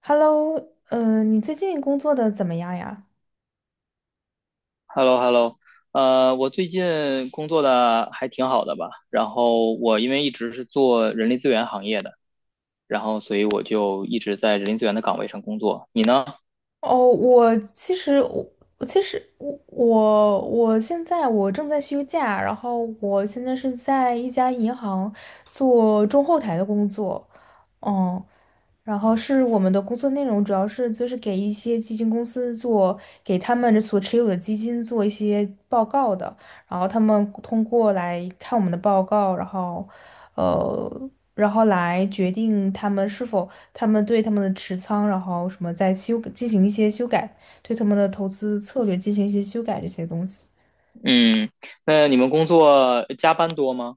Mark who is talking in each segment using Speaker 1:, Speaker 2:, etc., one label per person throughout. Speaker 1: Hello。你最近工作的怎么样呀？
Speaker 2: h e l l o h e l l o 我最近工作的还挺好的吧，然后我因为一直是做人力资源行业的，然后所以我就一直在人力资源的岗位上工作。你呢？
Speaker 1: 哦，我其实我我其实我我我现在我正在休假，然后我现在是在一家银行做中后台的工作。嗯，我们的工作内容主要是就是给一些基金公司做，给他们所持有的基金做一些报告的，然后他们通过来看我们的报告，呃，然后来决定他们对他们的持仓，然后什么再修进行一些修改，对他们的投资策略进行一些修改这些东西。
Speaker 2: 嗯，那你们工作加班多吗？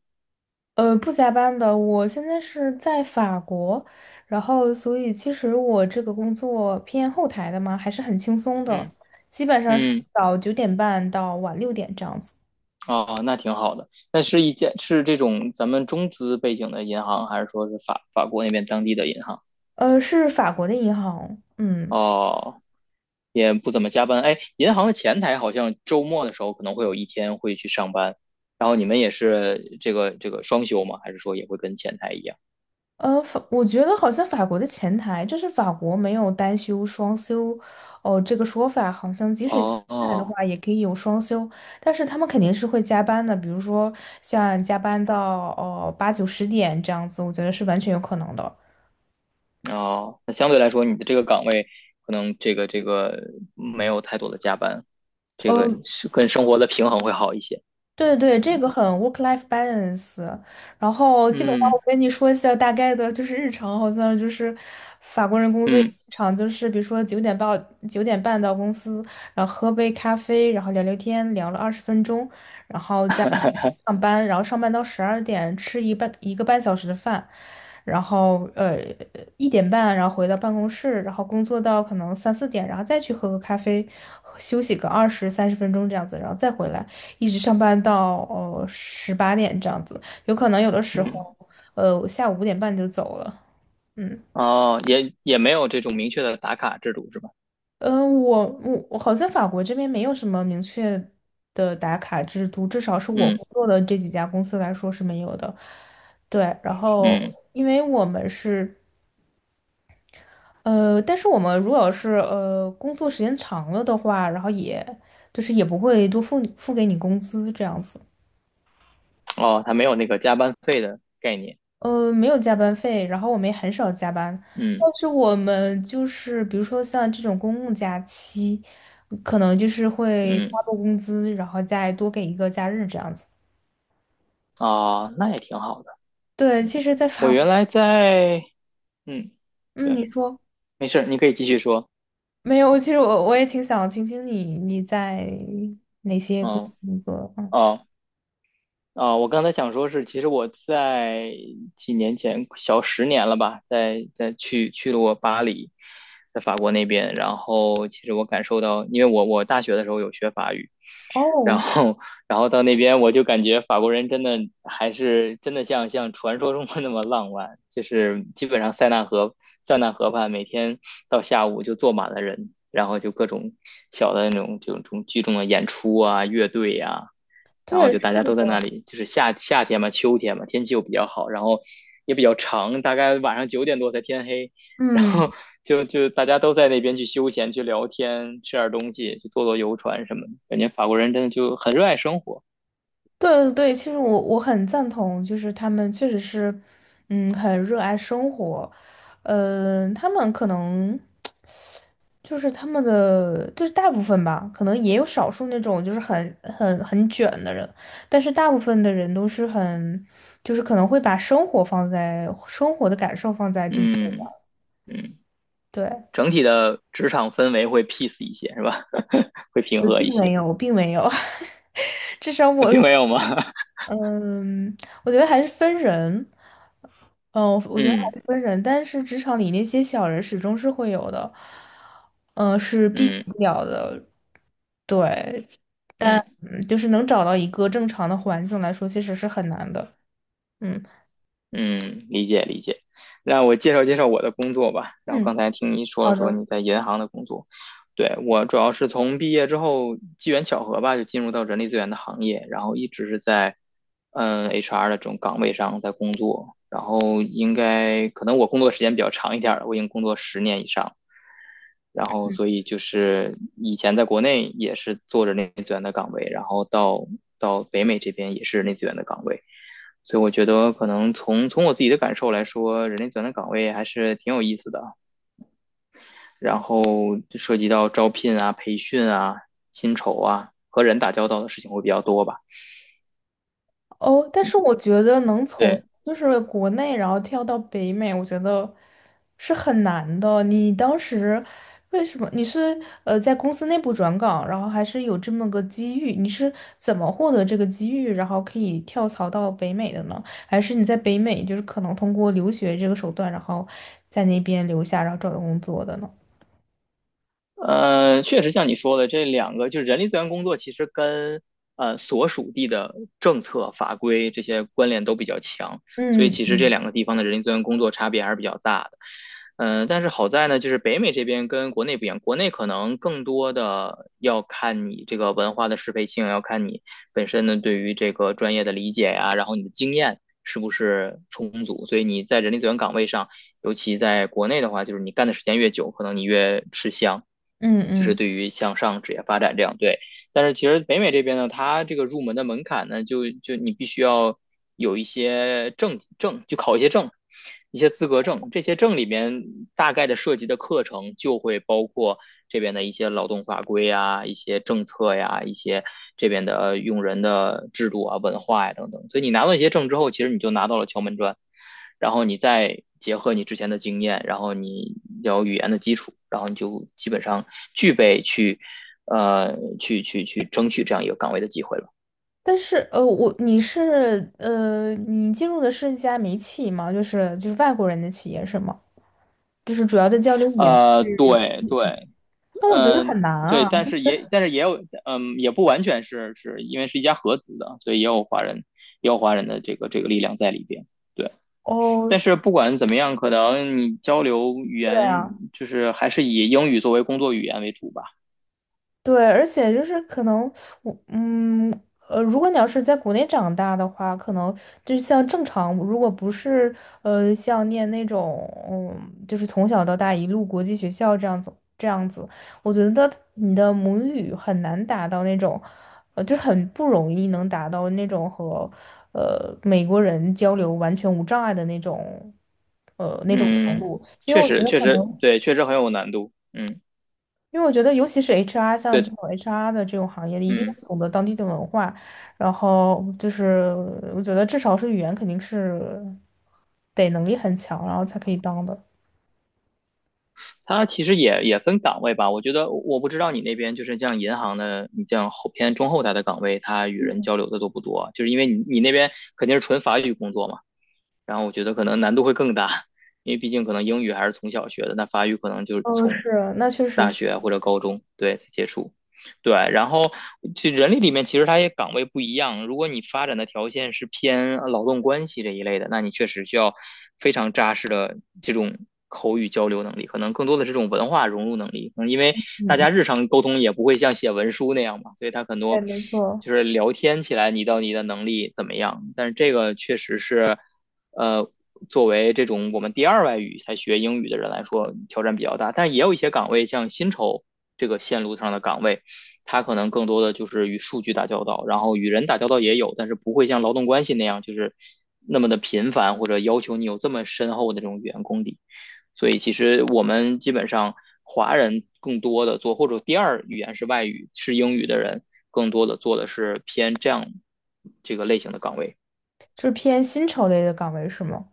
Speaker 1: 不加班的，我现在是在法国，然后所以其实我这个工作偏后台的嘛，还是很轻松的，
Speaker 2: 嗯
Speaker 1: 基本上是
Speaker 2: 嗯，
Speaker 1: 早九点半到晚6点这样子。
Speaker 2: 哦，那挺好的。那是一间是这种咱们中资背景的银行，还是说是法国那边当地的银行？
Speaker 1: 是法国的银行。嗯。
Speaker 2: 哦也不怎么加班。哎，银行的前台好像周末的时候可能会有一天会去上班，然后你们也是这个双休吗？还是说也会跟前台一样？
Speaker 1: 我觉得好像法国的前台就是法国没有单休双休，哦，这个说法好像即使前
Speaker 2: 哦
Speaker 1: 台的
Speaker 2: 哦
Speaker 1: 话也可以有双休，但是他们肯定是会加班的，比如说像加班到8、9、10点这样子，我觉得是完全有可能的。
Speaker 2: 哦，那相对来说你的这个岗位可能这个没有太多的加班，这个
Speaker 1: 呃
Speaker 2: 是跟生活的平衡会好一些。
Speaker 1: 对对，这个很 work-life balance。然后基本上
Speaker 2: 嗯
Speaker 1: 我跟你说一下大概的，就是日常好像就是法国人工作日
Speaker 2: 嗯
Speaker 1: 常就是，比如说九点半到公司，然后喝杯咖啡，然后聊聊天，聊了20分钟，然后再上班，然后上班到12点吃1个半小时的饭，然后呃1:30然后回到办公室，然后工作到可能3、4点，然后再去喝个咖啡，休息个20、30分钟这样子，然后再回来。一直上班到18点这样子，有可能有的时候，
Speaker 2: 嗯，
Speaker 1: 我下午5:30就走了。嗯。
Speaker 2: 哦，也没有这种明确的打卡制度是吧？
Speaker 1: 嗯，呃我我我好像法国这边没有什么明确的打卡制度，至少是我
Speaker 2: 嗯
Speaker 1: 工作的这几家公司来说是没有的。对，然后
Speaker 2: 嗯，
Speaker 1: 因为我们是呃，但是我们如果是工作时间长了的话，然后也就是也不会付给你工资这样子。
Speaker 2: 哦，他没有那个加班费的概念。
Speaker 1: 没有加班费，然后我们也很少加班，
Speaker 2: 嗯
Speaker 1: 但是我们就是比如说像这种公共假期，可能就是会
Speaker 2: 嗯，
Speaker 1: 发布工资，然后再多给一个假日这样子。
Speaker 2: 哦，那也挺好的。
Speaker 1: 对，其实，在
Speaker 2: 我
Speaker 1: 法国。
Speaker 2: 原来在，嗯，
Speaker 1: 嗯，你
Speaker 2: 对，
Speaker 1: 说
Speaker 2: 没事儿，你可以继续说。
Speaker 1: 没有？其实我我也挺想听听你你在哪些公
Speaker 2: 嗯，
Speaker 1: 司工作。嗯。
Speaker 2: 哦，啊，我刚才想说是，其实我在几年前，小十年了吧，在在去去了我巴黎，在法国那边，然后其实我感受到，因为我大学的时候有学法语，然
Speaker 1: 哦。
Speaker 2: 后，然后到那边我就感觉法国人真的还是真的像传说中的那么浪漫，就是基本上塞纳河塞纳河畔每天到下午就坐满了人，然后就各种小的那种这种聚众的演出啊、乐队呀、然后
Speaker 1: 对，
Speaker 2: 就
Speaker 1: 是
Speaker 2: 大家都在那
Speaker 1: 的。
Speaker 2: 里，就是夏天嘛，秋天嘛，天气又比较好，然后也比较长，大概晚上九点多才天黑，然后
Speaker 1: 嗯。
Speaker 2: 就大家都在那边去休闲、去聊天、吃点东西、去坐坐游船什么的，感觉法国人真的就很热爱生活，
Speaker 1: 对对对，其实我我很赞同，就是他们确实是。嗯，很热爱生活。他们可能就是他们的，就是大部分吧，可能也有少数那种就是很卷的人，但是大部分的人都是很，就是可能会把生活放在生活的感受放在第一
Speaker 2: 嗯
Speaker 1: 位。
Speaker 2: 嗯，
Speaker 1: 对，
Speaker 2: 整体的职场氛围会 peace 一些，是吧？会平和一些，
Speaker 1: 我并没有，至少
Speaker 2: 啊
Speaker 1: 我
Speaker 2: 并没
Speaker 1: 所
Speaker 2: 有吗？
Speaker 1: 嗯，我觉得还是分人。嗯，我觉得
Speaker 2: 嗯
Speaker 1: 还是分人，但是职场里那些小人始终是会有的，嗯，是避免
Speaker 2: 嗯
Speaker 1: 不了的。对。
Speaker 2: 嗯，
Speaker 1: 嗯，就是能找到一个正常的环境来说，其实是很难的。嗯。
Speaker 2: 嗯，理解理解。让我介绍介绍我的工作吧。然后
Speaker 1: 嗯，
Speaker 2: 刚才听你说
Speaker 1: 好
Speaker 2: 了说
Speaker 1: 的。
Speaker 2: 你在银行的工作，对，我主要是从毕业之后机缘巧合吧，就进入到人力资源的行业，然后一直是在HR 的这种岗位上在工作。然后应该可能我工作时间比较长一点儿了，我已经工作十年以上。然后所以就是以前在国内也是做着力资源的岗位，然后到北美这边也是人力资源的岗位，所以我觉得可能从我自己的感受来说，人力资源的岗位还是挺有意思的，然后涉及到招聘啊、培训啊、薪酬啊，和人打交道的事情会比较多吧。
Speaker 1: 哦，但是我觉得能从
Speaker 2: 对，
Speaker 1: 就是国内然后跳到北美，我觉得是很难的。你当时为什么你是在公司内部转岗，然后还是有这么个机遇？你是怎么获得这个机遇，然后可以跳槽到北美的呢？还是你在北美就是可能通过留学这个手段，然后在那边留下，然后找到工作的呢？
Speaker 2: 确实像你说的，这两个就是人力资源工作，其实跟所属地的政策法规这些关联都比较强，所以
Speaker 1: 嗯。
Speaker 2: 其实这两个地方的人力资源工作差别还是比较大的。嗯、但是好在呢，就是北美这边跟国内不一样，国内可能更多的要看你这个文化的适配性，要看你本身呢对于这个专业的理解呀，然后你的经验是不是充足，所以你在人力资源岗位上。尤其在国内的话，就是你干的时间越久，可能你越吃香，
Speaker 1: 嗯。
Speaker 2: 就是
Speaker 1: 嗯。
Speaker 2: 对于向上职业发展这样对。但是其实北美这边呢，它这个入门的门槛呢，就你必须要有一些证，就考一些证，一些资格证。这些证里面大概的涉及的课程就会包括这边的一些劳动法规呀、一些政策呀、一些这边的用人的制度啊、文化呀等等。所以你拿到一些证之后，其实你就拿到了敲门砖。然后你再结合你之前的经验，然后你有语言的基础，然后你就基本上具备去，去争取这样一个岗位的机会了。
Speaker 1: 但是呃，我你是呃，你进入的是一家民企吗？就是就是外国人的企业是吗？就是主要的交流语言是。
Speaker 2: 对
Speaker 1: 那
Speaker 2: 对，
Speaker 1: 我觉得
Speaker 2: 嗯、
Speaker 1: 很难
Speaker 2: 对，
Speaker 1: 啊。
Speaker 2: 但是也但是也有，嗯，也不完全是是因为是一家合资的，所以也有华人也有华人的这个力量在里边。对，
Speaker 1: 哦。
Speaker 2: 但是不管怎么样，可能你交流语
Speaker 1: 对
Speaker 2: 言
Speaker 1: 啊。
Speaker 2: 就是还是以英语作为工作语言为主吧。
Speaker 1: 对，而且就是可能我嗯如果你要是在国内长大的话，可能就是像正常，如果不是像念那种就是从小到大一路国际学校这样子，我觉得你的母语很难达到那种，就很不容易能达到那种和美国人交流完全无障碍的那种程
Speaker 2: 嗯，
Speaker 1: 度，因为
Speaker 2: 确
Speaker 1: 我觉
Speaker 2: 实，
Speaker 1: 得
Speaker 2: 确
Speaker 1: 可
Speaker 2: 实，
Speaker 1: 能。
Speaker 2: 对，确实很有难度。嗯，
Speaker 1: 因为我觉得，尤其是 HR 像这
Speaker 2: 对，
Speaker 1: 种 HR 的这种行业，一定
Speaker 2: 嗯，
Speaker 1: 要懂得当地的文化。然后就是，我觉得至少是语言肯定是得能力很强，然后才可以当的。
Speaker 2: 它其实也分岗位吧。我觉得我不知道你那边就是像银行的，你像后偏中后台的岗位，它与人交流的多不多？就是因为你那边肯定是纯法语工作嘛，然后我觉得可能难度会更大，因为毕竟可能英语还是从小学的，那法语可能就是
Speaker 1: 嗯，
Speaker 2: 从
Speaker 1: 是，那确实
Speaker 2: 大
Speaker 1: 是。
Speaker 2: 学或者高中对才接触。对，然后这人力里面其实它也岗位不一样，如果你发展的条件是偏劳动关系这一类的，那你确实需要非常扎实的这种口语交流能力，可能更多的是这种文化融入能力。嗯，因为
Speaker 1: 嗯。
Speaker 2: 大
Speaker 1: 嗯，
Speaker 2: 家日常沟通也不会像写文书那样嘛，所以它很
Speaker 1: 对，
Speaker 2: 多
Speaker 1: 没错，
Speaker 2: 就是聊天起来你到你的能力怎么样，但是这个确实是，呃。作为这种我们第二外语才学英语的人来说，挑战比较大，但也有一些岗位，像薪酬这个线路上的岗位，他可能更多的就是与数据打交道，然后与人打交道也有，但是不会像劳动关系那样就是那么的频繁，或者要求你有这么深厚的这种语言功底。所以其实我们基本上华人更多的做，或者第二语言是外语是英语的人，更多的做的是偏这样这个类型的岗位。
Speaker 1: 就是偏薪酬类的岗位是吗？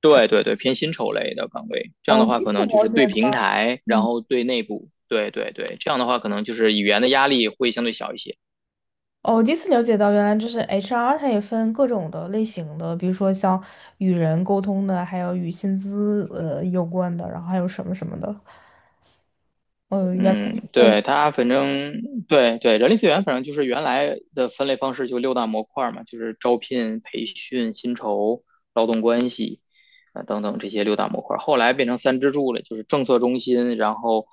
Speaker 2: 对对对，偏薪酬类的岗位。这样
Speaker 1: 哦，
Speaker 2: 的
Speaker 1: 我
Speaker 2: 话，
Speaker 1: 第一
Speaker 2: 可
Speaker 1: 次
Speaker 2: 能就
Speaker 1: 了
Speaker 2: 是
Speaker 1: 解
Speaker 2: 对平
Speaker 1: 到。
Speaker 2: 台，然
Speaker 1: 嗯，
Speaker 2: 后对内部，对对对，这样的话可能就是语言的压力会相对小一些。
Speaker 1: 哦，我第一次了解到，原来就是 HR,它也分各种的类型的，比如说像与人沟通的，还有与薪资有关的，然后还有什么什么的，嗯，原来它是
Speaker 2: 嗯，
Speaker 1: 分。
Speaker 2: 对，它反正对对，人力资源反正就是原来的分类方式就六大模块嘛，就是招聘、培训、薪酬、劳动关系啊、等等这些六大模块后来变成三支柱了，就是政策中心，然后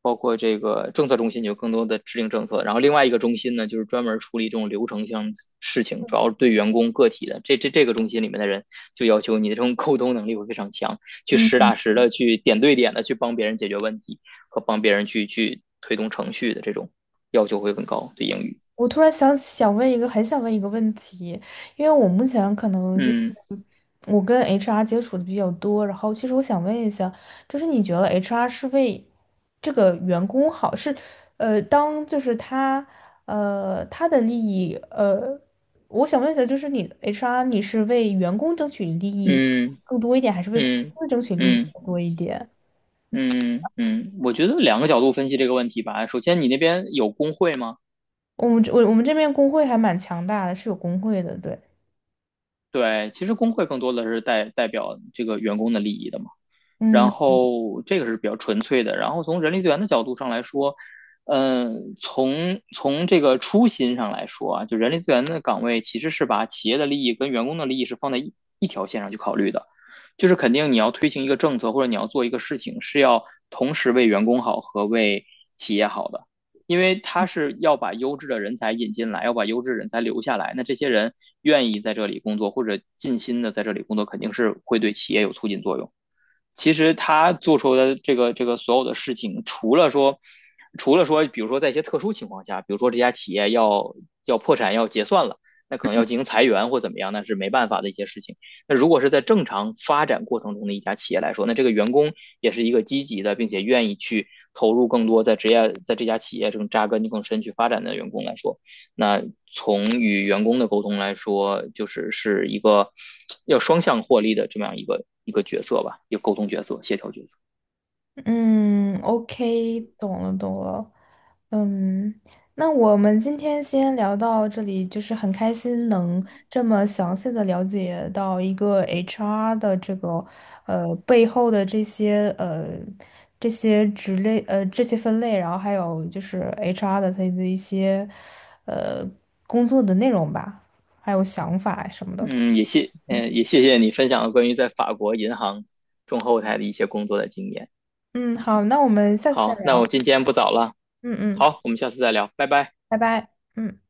Speaker 2: 包括这个政策中心有更多的制定政策，然后另外一个中心呢，就是专门处理这种流程性事情，主要是对员工个体的。这个中心里面的人就要求你的这种沟通能力会非常强，去实
Speaker 1: 嗯，
Speaker 2: 打实的去点对点的去帮别人解决问题。和帮别人去推动程序的这种要求会更高对英语。
Speaker 1: 我突然想问一个，很想问一个问题，因为我目前可能就是
Speaker 2: 嗯
Speaker 1: 我跟 HR 接触的比较多，然后其实我想问一下，就是你觉得 HR 是为这个员工好，是呃，当就是他呃他的利益，我想问一下，就是你 HR 你是为员工争取利益
Speaker 2: 嗯
Speaker 1: 更多一点，还是为公
Speaker 2: 嗯
Speaker 1: 司争取利益
Speaker 2: 嗯
Speaker 1: 更多一点？
Speaker 2: 嗯嗯，我觉得两个角度分析这个问题吧。首先，你那边有工会吗？
Speaker 1: 我们这我们这边工会还蛮强大的，是有工会的，对。
Speaker 2: 对，其实工会更多的是代表这个员工的利益的嘛。然
Speaker 1: 嗯。
Speaker 2: 后这个是比较纯粹的。然后从人力资源的角度上来说，嗯，从这个初心上来说啊，就人力资源的岗位其实是把企业的利益跟员工的利益是放在一条线上去考虑的，就是肯定你要推行一个政策或者你要做一个事情，是要同时为员工好和为企业好的。因为他是要把优质的人才引进来，要把优质人才留下来。那这些人愿意在这里工作或者尽心的在这里工作，肯定是会对企业有促进作用。其实他做出的这个所有的事情，除了说，除了说，比如说在一些特殊情况下，比如说这家企业要破产要结算了，那可能要进行裁员或怎么样，那是没办法的一些事情。那如果是在正常发展过程中的一家企业来说，那这个员工也是一个积极的，并且愿意去投入更多在职业在这家企业这种扎根更深去发展的员工来说，那从与员工的沟通来说，就是是一个要双向获利的这么样一个角色吧，一个沟通角色、协调角色。
Speaker 1: 嗯，OK,懂了懂了。嗯，那我们今天先聊到这里，就是很开心能这么详细的了解到一个 HR 的这个背后的这些这些这些分类，然后还有就是 HR 的它的一些呃工作的内容吧，还有想法什么的。
Speaker 2: 嗯，也谢，嗯、也谢谢你分享了关于在法国银行中后台的一些工作的经验。
Speaker 1: 嗯，好，那我们下次再
Speaker 2: 好，那
Speaker 1: 聊。
Speaker 2: 我今天不早了，
Speaker 1: 嗯。嗯，
Speaker 2: 好，我们下次再聊，拜拜。
Speaker 1: 拜拜。嗯。